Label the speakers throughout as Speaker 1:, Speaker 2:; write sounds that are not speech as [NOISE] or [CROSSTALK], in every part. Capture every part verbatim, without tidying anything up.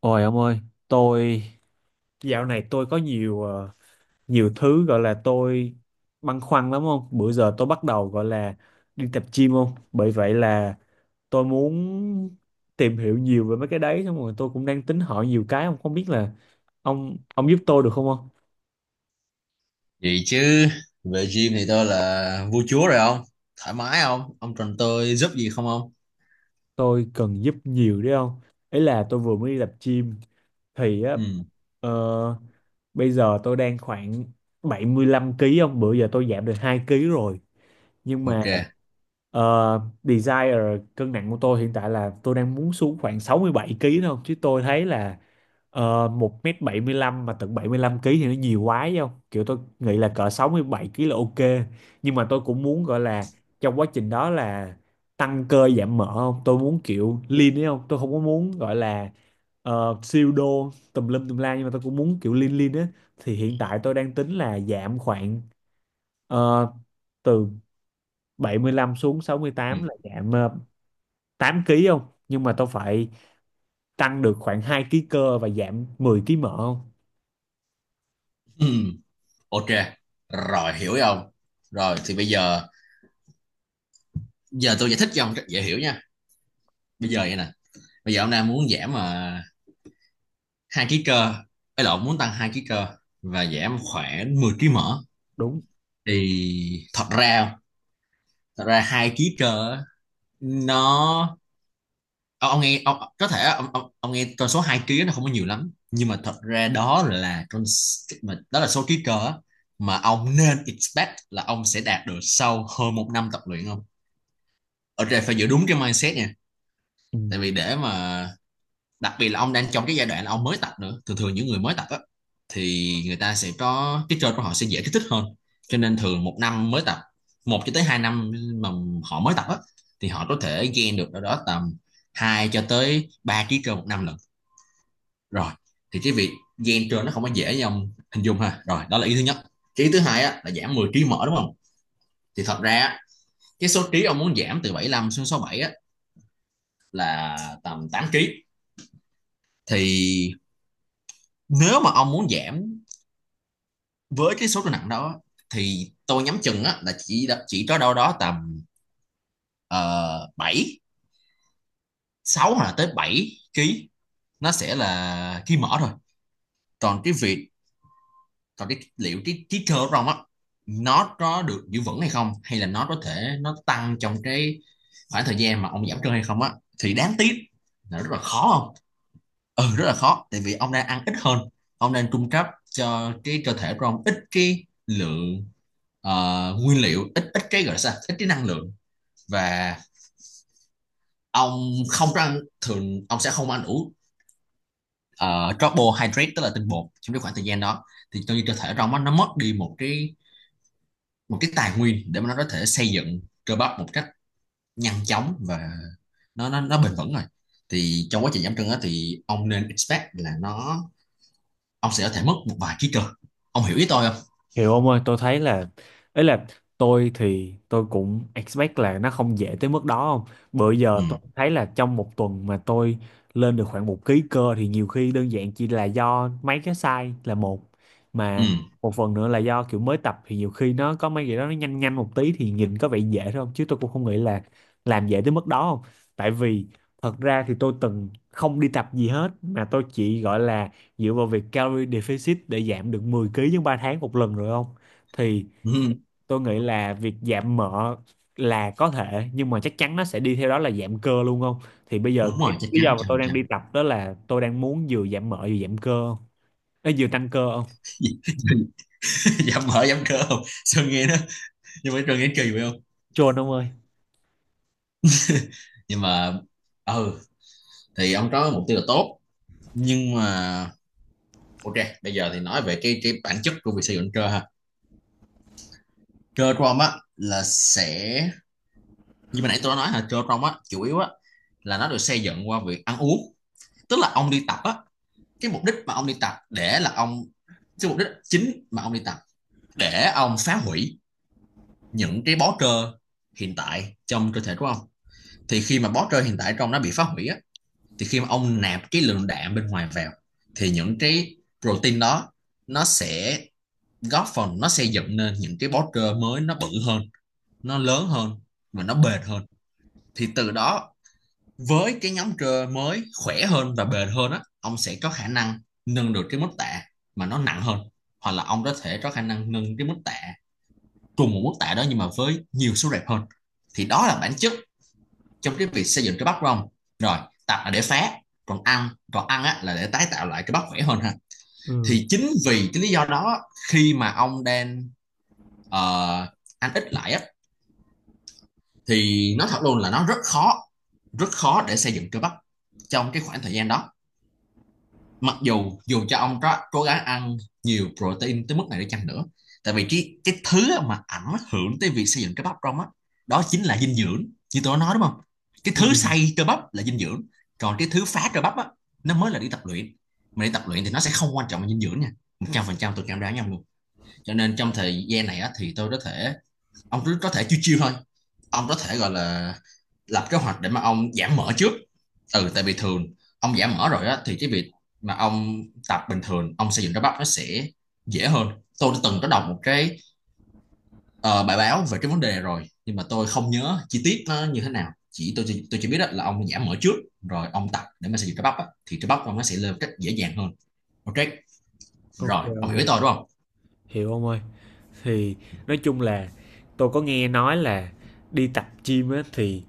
Speaker 1: Ôi ông ơi, tôi dạo này tôi có nhiều ờ, nhiều thứ gọi là tôi băn khoăn lắm không? Bữa giờ tôi bắt đầu gọi là đi tập gym không? Bởi vậy là tôi muốn tìm hiểu nhiều về mấy cái đấy, xong rồi tôi cũng đang tính hỏi nhiều cái, không không biết là ông ông giúp tôi được không không?
Speaker 2: Vậy chứ về gym thì tôi là vua chúa rồi, không? Thoải mái. Không? Ông cần tôi giúp gì không ông?
Speaker 1: Tôi cần giúp nhiều đấy không? Ý là tôi vừa mới đi tập gym thì á,
Speaker 2: Ừ,
Speaker 1: ờ, bây giờ tôi đang khoảng bảy mươi lăm ký không? Bữa giờ tôi giảm được hai ký rồi, nhưng mà
Speaker 2: ok.
Speaker 1: ờ, desire cân nặng của tôi hiện tại là tôi đang muốn xuống khoảng sáu mươi bảy ký thôi, chứ tôi thấy là uh, một mét bảy mươi lăm mà tận bảy mươi lăm ký thì nó nhiều quá, chứ không kiểu tôi nghĩ là cỡ sáu mươi bảy ký là ok. Nhưng mà tôi cũng muốn gọi là trong quá trình đó là tăng cơ giảm mỡ không, tôi muốn kiểu lean ấy không, tôi không có muốn gọi là ờ, siêu đô tùm lum tùm la, nhưng mà tôi cũng muốn kiểu lean lean á. Thì hiện tại tôi đang tính là giảm khoảng ờ, từ bảy mươi lăm xuống sáu mươi
Speaker 2: Ừ.
Speaker 1: tám là giảm ờ, tám ký không? Nhưng mà tôi phải tăng được khoảng hai ký cơ và giảm mười ký mỡ không?
Speaker 2: Ừ, ok. Rồi, hiểu rồi ông. Rồi thì bây giờ giờ tôi giải thích cho ông cách dễ hiểu nha. Bây giờ vậy nè. Bây giờ ông đang muốn giảm mà hai ký cơ, ấy lộn, muốn tăng hai ký cơ và giảm khoảng mười ký mỡ.
Speaker 1: Đúng.
Speaker 2: Thì thật ra thật ra hai ký cơ á, nó ông, ông nghe ông, có thể ông, ông, ông nghe con số hai ký nó không có nhiều lắm, nhưng mà thật ra đó là con s- mà đó là số ký cơ á, mà ông nên expect là ông sẽ đạt được sau hơn một năm tập luyện, không? Ở đây phải giữ đúng cái mindset nha,
Speaker 1: Ừ.
Speaker 2: tại vì để mà đặc biệt là ông đang trong cái giai đoạn là ông mới tập nữa. Thường thường những người mới tập á thì người ta sẽ có cái cơ của họ sẽ dễ kích thích hơn, cho nên thường một năm mới tập, một cho tới hai năm mà họ mới tập á, thì họ có thể gain được ở đó tầm hai cho tới ba ký cơ một năm lận. Rồi thì cái việc gen trên nó không có dễ như ông hình dung ha, rồi đó là ý thứ nhất. Cái ý thứ hai á, là giảm mười trí mở, đúng không? Thì thật ra á, cái số trí ông muốn giảm từ bảy lăm xuống sáu mươi bảy á, là tầm tám trí. Thì nếu mà ông muốn giảm với cái số cân nặng đó thì tôi nhắm chừng á, là chỉ chỉ có đâu đó tầm uh, bảy sáu hoặc là tới bảy ký nó sẽ là ký mỡ thôi. Còn cái việc còn cái liệu cái cái cơ của Rong á, nó có được giữ vững hay không, hay là nó có thể nó tăng trong cái khoảng thời gian mà ông giảm cân hay không á, thì đáng tiếc là rất là khó, không? Ừ, rất là khó, tại vì ông đang ăn ít hơn, ông đang cung cấp cho cái cơ thể của ông ít cái lượng ờ, nguyên liệu, ít ít cái gọi là sao, ít cái năng lượng. Và ông không có ăn thường, ông sẽ không ăn đủ ờ, carbohydrate, tức là tinh bột trong cái khoảng thời gian đó, thì tự nhiên cơ thể trong nó nó mất đi một cái một cái tài nguyên để mà nó có thể xây dựng cơ bắp một cách nhanh chóng và nó nó nó bền vững. Rồi thì trong quá trình giảm cân á, thì ông nên expect là nó ông sẽ có thể mất một vài ký cơ. Ông hiểu ý tôi không?
Speaker 1: Hiểu ông ơi, tôi thấy là ấy là tôi thì tôi cũng expect là nó không dễ tới mức đó không. Bữa giờ
Speaker 2: Ừ.
Speaker 1: tôi thấy là trong một tuần mà tôi lên được khoảng một ký cơ thì nhiều khi đơn giản chỉ là do mấy cái sai là một,
Speaker 2: Ừ,
Speaker 1: mà một phần nữa là do kiểu mới tập thì nhiều khi nó có mấy cái đó nó nhanh nhanh một tí thì nhìn có vẻ dễ thôi không, chứ tôi cũng không nghĩ là làm dễ tới mức đó không. Tại vì thật ra thì tôi từng không đi tập gì hết mà tôi chỉ gọi là dựa vào việc calorie deficit để giảm được mười ký trong ba tháng một lần rồi không? Thì
Speaker 2: ừ.
Speaker 1: tôi nghĩ là việc giảm mỡ là có thể, nhưng mà chắc chắn nó sẽ đi theo đó là giảm cơ luôn không? Thì bây giờ
Speaker 2: Đúng
Speaker 1: cái
Speaker 2: rồi, chắc
Speaker 1: lý
Speaker 2: chắn
Speaker 1: do mà
Speaker 2: trăm
Speaker 1: tôi
Speaker 2: phần
Speaker 1: đang
Speaker 2: trăm
Speaker 1: đi tập đó là tôi đang muốn vừa giảm mỡ vừa giảm cơ không? Ê, vừa tăng cơ không?
Speaker 2: [LAUGHS] Giảm mỡ giảm cơ, không sao, nghe nó nhưng mà Sơn nghe kỳ vậy không?
Speaker 1: Chôn ông ơi.
Speaker 2: Nhưng mà ừ, thì ông có mục tiêu là tốt. Nhưng mà ok, bây giờ thì nói về cái cái bản chất của việc xây dựng cơ ha. Cơ của ông á là sẽ như mà nãy tôi đã nói là Joe Rogan á, chủ yếu á là nó được xây dựng qua việc ăn uống. Tức là ông đi tập á, cái mục đích mà ông đi tập để là ông cái mục đích chính mà ông đi tập để ông phá hủy những cái bó trơ hiện tại trong cơ thể của ông. Thì khi mà bó trơ hiện tại trong nó bị phá hủy á, thì khi mà ông nạp cái lượng đạm bên ngoài vào, thì những cái protein đó nó sẽ góp phần nó xây dựng nên những cái bó trơ mới nó bự hơn, nó lớn hơn, và nó bền hơn. Thì từ đó với cái nhóm cơ mới khỏe hơn và bền hơn á, ông sẽ có khả năng nâng được cái mức tạ mà nó nặng hơn, hoặc là ông có thể có khả năng nâng cái mức tạ cùng một mức tạ đó nhưng mà với nhiều số rep hơn. Thì đó là bản chất trong cái việc xây dựng cái bắp của ông. Rồi, tập là để phá, còn ăn còn ăn á là để tái tạo lại cái bắp khỏe hơn ha.
Speaker 1: Ừ,
Speaker 2: Thì chính vì cái lý do đó, khi mà ông đang ờ, ăn ít lại á, thì nói thật luôn là nó rất khó, rất khó để xây dựng cơ bắp trong cái khoảng thời gian đó, mặc dù dù cho ông có cố gắng ăn nhiều protein tới mức này để chăng nữa. Tại vì cái cái thứ mà ảnh hưởng tới việc xây dựng cơ bắp trong á, đó đó chính là dinh dưỡng, như tôi nói đúng không? Cái
Speaker 1: ừ,
Speaker 2: thứ xây cơ bắp là dinh dưỡng, còn cái thứ phá cơ bắp á, nó mới là đi tập luyện. Mà đi tập luyện thì nó sẽ không quan trọng là dinh dưỡng nha, một trăm phần trăm tôi cảm đoán nhau luôn. Cho nên trong thời gian này á thì tôi có thể ông cứ có thể chiêu chiêu thôi, ông có thể gọi là lập kế hoạch để mà ông giảm mỡ trước. Ừ, tại vì thường ông giảm mỡ rồi á, thì cái việc mà ông tập bình thường ông xây dựng cơ bắp nó sẽ dễ hơn. Tôi đã từng có đọc một cái ờ, bài báo về cái vấn đề này rồi nhưng mà tôi không nhớ chi tiết nó như thế nào, chỉ tôi chỉ- tôi chỉ biết á, là ông giảm mỡ trước rồi ông tập để mà xây dựng cơ bắp á, thì cơ bắp ông nó sẽ lên một cách dễ dàng hơn. Ok.
Speaker 1: ok
Speaker 2: Rồi ông
Speaker 1: ông
Speaker 2: hiểu ý
Speaker 1: ơi.
Speaker 2: tôi đúng không?
Speaker 1: Hiểu ông ơi. Thì nói chung là tôi có nghe nói là đi tập gym á thì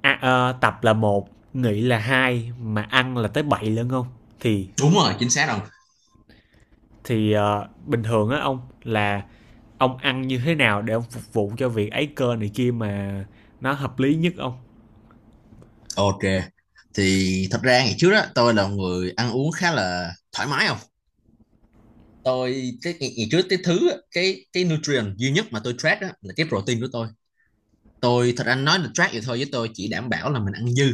Speaker 1: à, ờ, tập là một, nghỉ là hai, mà ăn là tới bảy lận không? Thì
Speaker 2: Đúng rồi, chính xác rồi.
Speaker 1: thì ờ, bình thường á ông là ông ăn như thế nào để ông phục vụ cho việc ấy cơ này kia mà nó hợp lý nhất ông.
Speaker 2: Ok, thì thật ra ngày trước đó tôi là một người ăn uống khá là thoải mái, không? Tôi cái ngày, trước Cái thứ á, cái cái nutrient duy nhất mà tôi track đó là cái protein của tôi. Tôi thật anh nói là track vậy thôi, với tôi chỉ đảm bảo là mình ăn dư,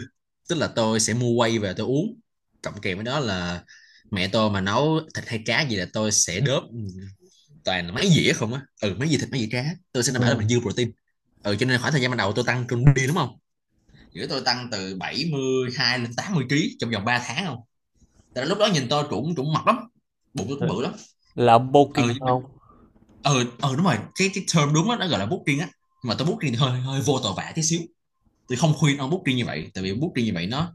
Speaker 2: tức là tôi sẽ mua whey về tôi uống, cộng kèm với đó là mẹ tôi mà nấu thịt hay cá gì là tôi sẽ đớp toàn là mấy dĩa không á. Ừ, mấy dĩa thịt mấy dĩa cá, tôi sẽ đảm bảo là mình
Speaker 1: Ừ,
Speaker 2: dư protein. Ừ, cho nên khoảng thời gian ban đầu tôi tăng cân đi, đúng không, giữa tôi tăng từ bảy mươi hai lên tám mươi kg trong vòng ba tháng, không? Tại lúc đó nhìn tôi cũng cũng mập lắm, bụng tôi cũng bự lắm.
Speaker 1: là ông bulking
Speaker 2: Ừ.
Speaker 1: không.
Speaker 2: Ờ, ờ đúng rồi, cái cái term đúng đó, nó gọi là booking á, mà tôi booking thì hơi hơi vô tội vạ tí xíu. Tôi không khuyên ông booking như vậy, tại vì booking như vậy nó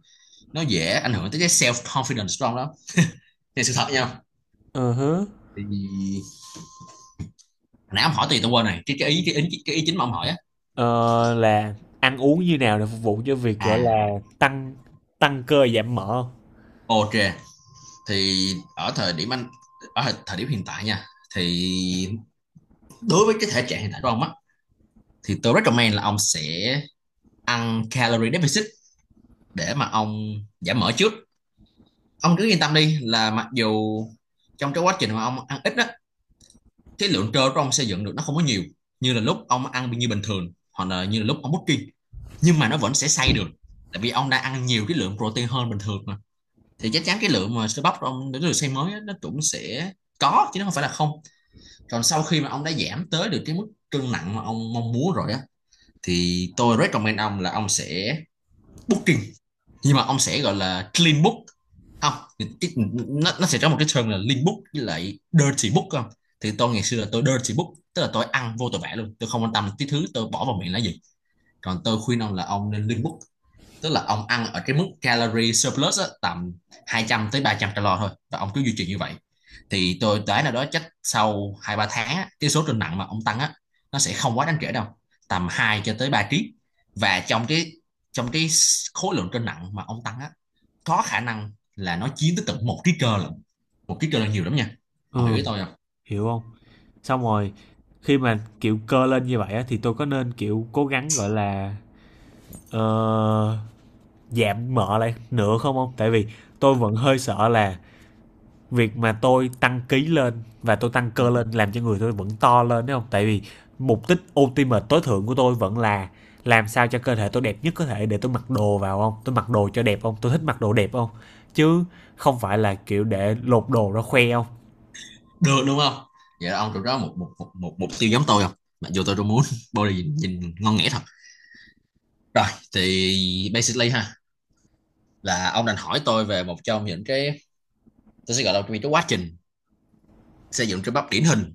Speaker 2: nó dễ ảnh hưởng tới cái self confidence của ông đó. Thì sự thật nha,
Speaker 1: Ờ hứ.
Speaker 2: thì hồi nãy ông hỏi thì tôi quên này cái cái ý cái ý cái ý chính mà ông hỏi á.
Speaker 1: Ờ, là ăn uống như nào để phục vụ cho việc gọi
Speaker 2: À,
Speaker 1: là tăng tăng cơ giảm mỡ không?
Speaker 2: ok, thì ở thời điểm anh ở thời- thời điểm hiện tại nha, thì đối với cái thể trạng hiện tại của ông á, thì tôi recommend là ông sẽ ăn calorie deficit để mà ông giảm mỡ trước. Ông cứ yên tâm đi là mặc dù trong cái quá trình mà ông ăn ít á, cái lượng trơ của ông xây dựng được nó không có nhiều như là lúc ông ăn như bình thường hoặc là như là lúc ông bulking, nhưng mà nó vẫn sẽ xây được, tại vì ông đã ăn nhiều cái lượng protein hơn bình thường mà. Thì chắc chắn cái lượng mà cơ bắp của ông để được xây mới á, nó cũng sẽ có chứ nó không phải là không. Còn sau khi mà ông đã giảm tới được cái mức cân nặng mà ông mong muốn rồi á, thì tôi recommend ông là ông sẽ booking, nhưng mà ông sẽ gọi là clean book, không? Nó nó sẽ có một cái term là clean book với lại dirty book, không? Thì tôi ngày xưa là tôi dirty book, tức là tôi ăn vô tội vạ luôn, tôi không quan tâm cái thứ tôi bỏ vào miệng là gì. Còn tôi khuyên ông là ông nên clean book, tức là ông ăn ở cái mức calorie surplus á, tầm hai trăm tới ba trăm calo thôi, và ông cứ duy trì như vậy. Thì tôi đoán là đó chắc sau hai ba tháng á, cái số cân nặng mà ông tăng á, nó sẽ không quá đáng kể đâu, tầm hai cho tới ba ký. Và trong cái trong cái khối lượng cân nặng mà ông tăng á, có khả năng là nó chiếm tới tận một ký cơ lận. Một ký cơ là nhiều lắm nha. Ông hiểu ý
Speaker 1: Ừ,
Speaker 2: tôi không?
Speaker 1: hiểu không. Xong rồi khi mà kiểu cơ lên như vậy á, thì tôi có nên kiểu cố gắng gọi là ờ, giảm mỡ lại nữa không không, tại vì tôi vẫn hơi sợ là việc mà tôi tăng ký lên và tôi tăng
Speaker 2: Ừ.
Speaker 1: cơ lên làm cho người tôi vẫn to lên đúng không, tại vì mục đích ultimate tối thượng của tôi vẫn là làm sao cho cơ thể tôi đẹp nhất có thể để tôi mặc đồ vào không, tôi mặc đồ cho đẹp không, tôi thích mặc đồ đẹp không, chứ không phải là kiểu để lột đồ ra khoe không.
Speaker 2: Được đúng không? Vậy là ông được đó một một một một mục tiêu giống tôi không? Mặc dù tôi đâu muốn body nhìn, nhìn ngon nghẻ thật. Rồi, thì basically ha, là ông đành hỏi tôi về một trong những cái tôi sẽ gọi là cái quá trình xây dựng cơ bắp điển hình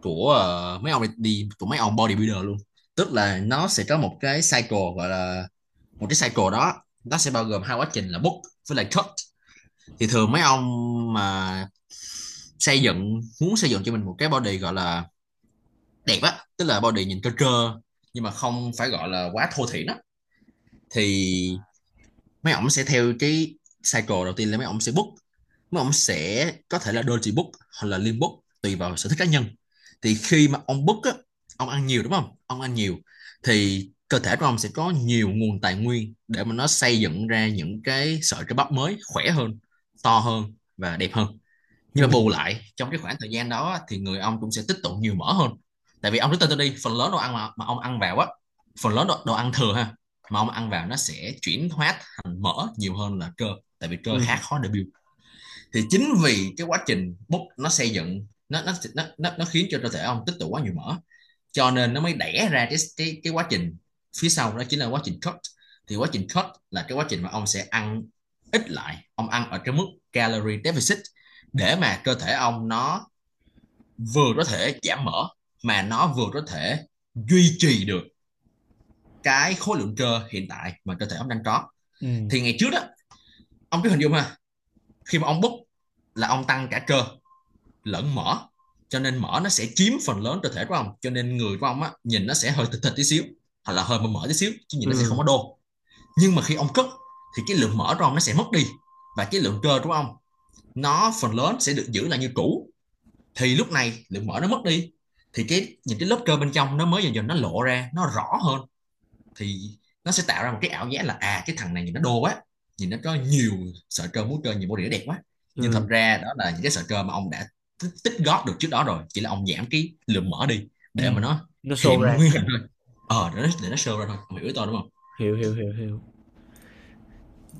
Speaker 2: của ờ, mấy ông đi- của mấy ông bodybuilder luôn. Tức là nó sẽ có một cái cycle gọi là, một cái cycle đó nó sẽ bao gồm hai quá trình là bulk với lại cut. Thì thường mấy ông mà xây dựng muốn xây dựng cho mình một cái body gọi là đẹp á, tức là body nhìn cơ trơ nhưng mà không phải gọi là quá thô thiển á. Thì mấy ổng sẽ theo cái cycle đầu tiên là mấy ổng sẽ book, mấy ổng sẽ có thể là doji book hoặc là lim book, tùy vào sở thích cá nhân. Thì khi mà ông book á, ông ăn nhiều đúng không? Ông ăn nhiều thì cơ thể của ông sẽ có nhiều nguồn tài nguyên để mà nó xây dựng ra những cái sợi cơ bắp mới khỏe hơn, to hơn và đẹp hơn. Nhưng mà
Speaker 1: Ừ,
Speaker 2: bù lại trong cái khoảng thời gian đó thì người ông cũng sẽ tích tụ nhiều mỡ hơn. Tại vì ông rất tên tôi đi phần lớn đồ ăn mà, mà ông ăn vào á, phần lớn đồ, đồ ăn thừa ha, mà ông ăn vào nó sẽ chuyển hóa thành mỡ nhiều hơn là cơ. Tại vì cơ
Speaker 1: ừ,
Speaker 2: khá khó để build. Thì chính vì cái quá trình bốc nó xây dựng nó nó nó nó, nó khiến cho cơ thể ông tích tụ quá nhiều mỡ, cho nên nó mới đẻ ra cái cái cái quá trình phía sau đó chính là quá trình cut. Thì quá trình cut là cái quá trình mà ông sẽ ăn ít lại, ông ăn ở cái mức calorie deficit, để mà cơ thể ông nó vừa có thể giảm mỡ mà nó vừa có thể duy trì được cái khối lượng cơ hiện tại mà cơ thể ông đang có.
Speaker 1: ừ,
Speaker 2: Thì ngày trước đó, ông cứ hình dung ha, khi mà ông bút là ông tăng cả cơ lẫn mỡ, cho nên mỡ nó sẽ chiếm phần lớn cơ thể của ông, cho nên người của ông á nhìn nó sẽ hơi thịt thịt tí xíu hoặc là hơi mỡ mỡ tí xíu, chứ nhìn nó sẽ không
Speaker 1: ừ,
Speaker 2: có đô. Nhưng mà khi ông cất thì cái lượng mỡ của ông nó sẽ mất đi và cái lượng cơ của ông nó phần lớn sẽ được giữ lại như cũ. Thì lúc này lượng mỡ nó mất đi thì cái những cái lớp cơ bên trong nó mới dần dần nó lộ ra nó rõ hơn. Thì nó sẽ tạo ra một cái ảo giác là à, cái thằng này nhìn nó đô quá, nhìn nó có nhiều sợi cơ múa cơ nhiều, body nó đẹp quá. Nhưng thật
Speaker 1: ừ,
Speaker 2: ra đó là những cái sợi cơ mà ông đã tích, tích góp được trước đó rồi, chỉ là ông giảm cái lượng mỡ đi
Speaker 1: ừ,
Speaker 2: để mà nó
Speaker 1: nó show
Speaker 2: hiện
Speaker 1: ra.
Speaker 2: nguyên hình thôi. Ờ để nó để nó show ra thôi, ông hiểu ý tôi đúng không?
Speaker 1: Hiểu hiểu hiểu hiểu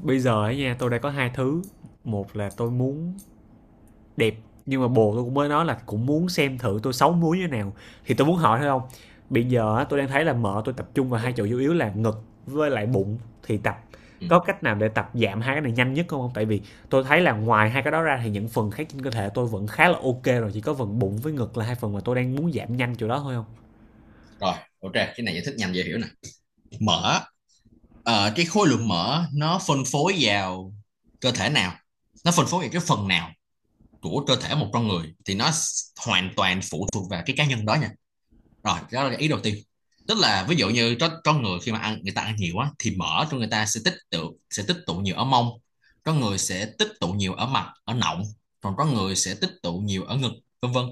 Speaker 1: Bây giờ ấy nha, tôi đã có hai thứ. Một là tôi muốn đẹp, nhưng mà bồ tôi cũng mới nói là cũng muốn xem thử tôi xấu múi như thế nào, thì tôi muốn hỏi thôi không. Bây giờ tôi đang thấy là mỡ tôi tập trung vào hai chỗ chủ yếu là ngực với lại bụng, thì tập
Speaker 2: Ừ.
Speaker 1: có cách nào để tập giảm hai cái này nhanh nhất không không, tại vì tôi thấy là ngoài hai cái đó ra thì những phần khác trên cơ thể tôi vẫn khá là ok rồi, chỉ có phần bụng với ngực là hai phần mà tôi đang muốn giảm nhanh chỗ đó thôi không.
Speaker 2: Rồi, ok, cái này giải thích nhanh dễ hiểu nè. Mỡ, ờ, cái khối lượng mỡ nó phân phối vào cơ thể nào, nó phân phối vào cái phần nào của cơ thể một con người thì nó hoàn toàn phụ thuộc vào cái cá nhân đó nha. Rồi, đó là ý đầu tiên. Tức là ví dụ như có có người khi mà ăn người ta ăn nhiều quá thì mỡ trong người ta sẽ tích tụ sẽ tích tụ nhiều ở mông, có người sẽ tích tụ nhiều ở mặt ở nọng, còn có người sẽ tích tụ nhiều ở ngực, vân vân.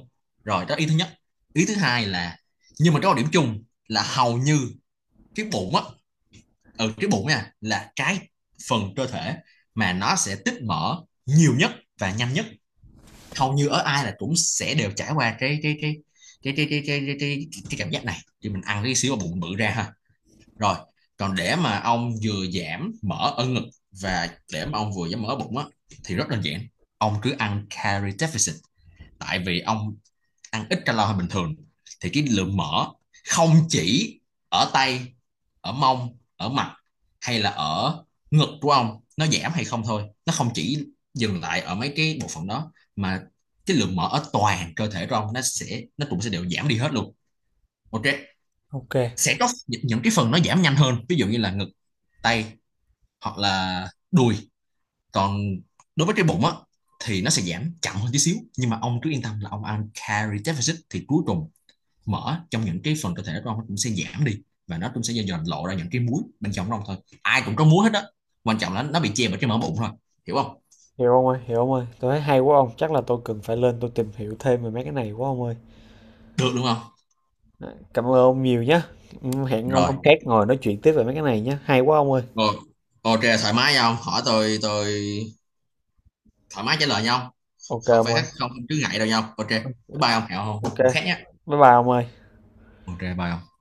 Speaker 2: Rồi, đó ý thứ nhất. Ý thứ hai là, nhưng mà có một điểm chung là hầu như cái bụng á, ừ cái bụng nha, là cái phần cơ thể mà nó sẽ tích mỡ nhiều nhất và nhanh nhất, hầu như ở ai là cũng sẽ đều trải qua cái cái cái cái cái cái cái cái, cái, cảm giác này. Thì mình ăn cái xíu vào bụng bự ra ha. Rồi, còn để mà ông vừa giảm mỡ ở ngực và để mà ông vừa giảm mỡ bụng á thì rất đơn giản. Ông cứ ăn calorie deficit. Tại vì ông ăn ít calo hơn bình thường thì cái lượng mỡ không chỉ ở tay, ở mông, ở mặt hay là ở ngực của ông nó giảm hay không thôi, nó không chỉ dừng lại ở mấy cái bộ phận đó mà cái lượng mỡ ở toàn cơ thể của ông nó sẽ, nó cũng sẽ đều giảm đi hết luôn. Ok.
Speaker 1: Ok,
Speaker 2: Sẽ có những cái phần nó giảm nhanh hơn, ví dụ như là ngực, tay hoặc là đùi. Còn đối với cái bụng á thì nó sẽ giảm chậm hơn tí xíu, nhưng mà ông cứ yên tâm là ông ăn calorie deficit thì cuối cùng mỡ trong những cái phần cơ thể con cũng sẽ giảm đi, và nó cũng sẽ dần lộ ra những cái muối bên trong ông thôi. Ai cũng có muối hết á, quan trọng là nó bị che bởi cái mỡ bụng thôi. Hiểu không?
Speaker 1: hiểu ông ơi, hiểu ông ơi. Tôi thấy hay quá ông, chắc là tôi cần phải lên tôi tìm hiểu thêm về mấy cái này quá ông ơi.
Speaker 2: Được đúng không?
Speaker 1: Cảm ơn ông nhiều nhé. Hẹn ông
Speaker 2: Rồi.
Speaker 1: hôm khác ngồi nói chuyện tiếp về mấy cái này nhé. Hay quá ông ơi.
Speaker 2: Rồi, ok, thoải mái nhau hỏi tôi tôi thoải mái trả lời nhau.
Speaker 1: Ok
Speaker 2: Không
Speaker 1: ông
Speaker 2: phải
Speaker 1: ơi.
Speaker 2: khác không, không cứ ngại đâu nhau. Ok, bye.
Speaker 1: Ừ,
Speaker 2: Bye ông, hẹo
Speaker 1: ok.
Speaker 2: không không khác nhé.
Speaker 1: Bye bye ông ơi.
Speaker 2: Ok, bye ông.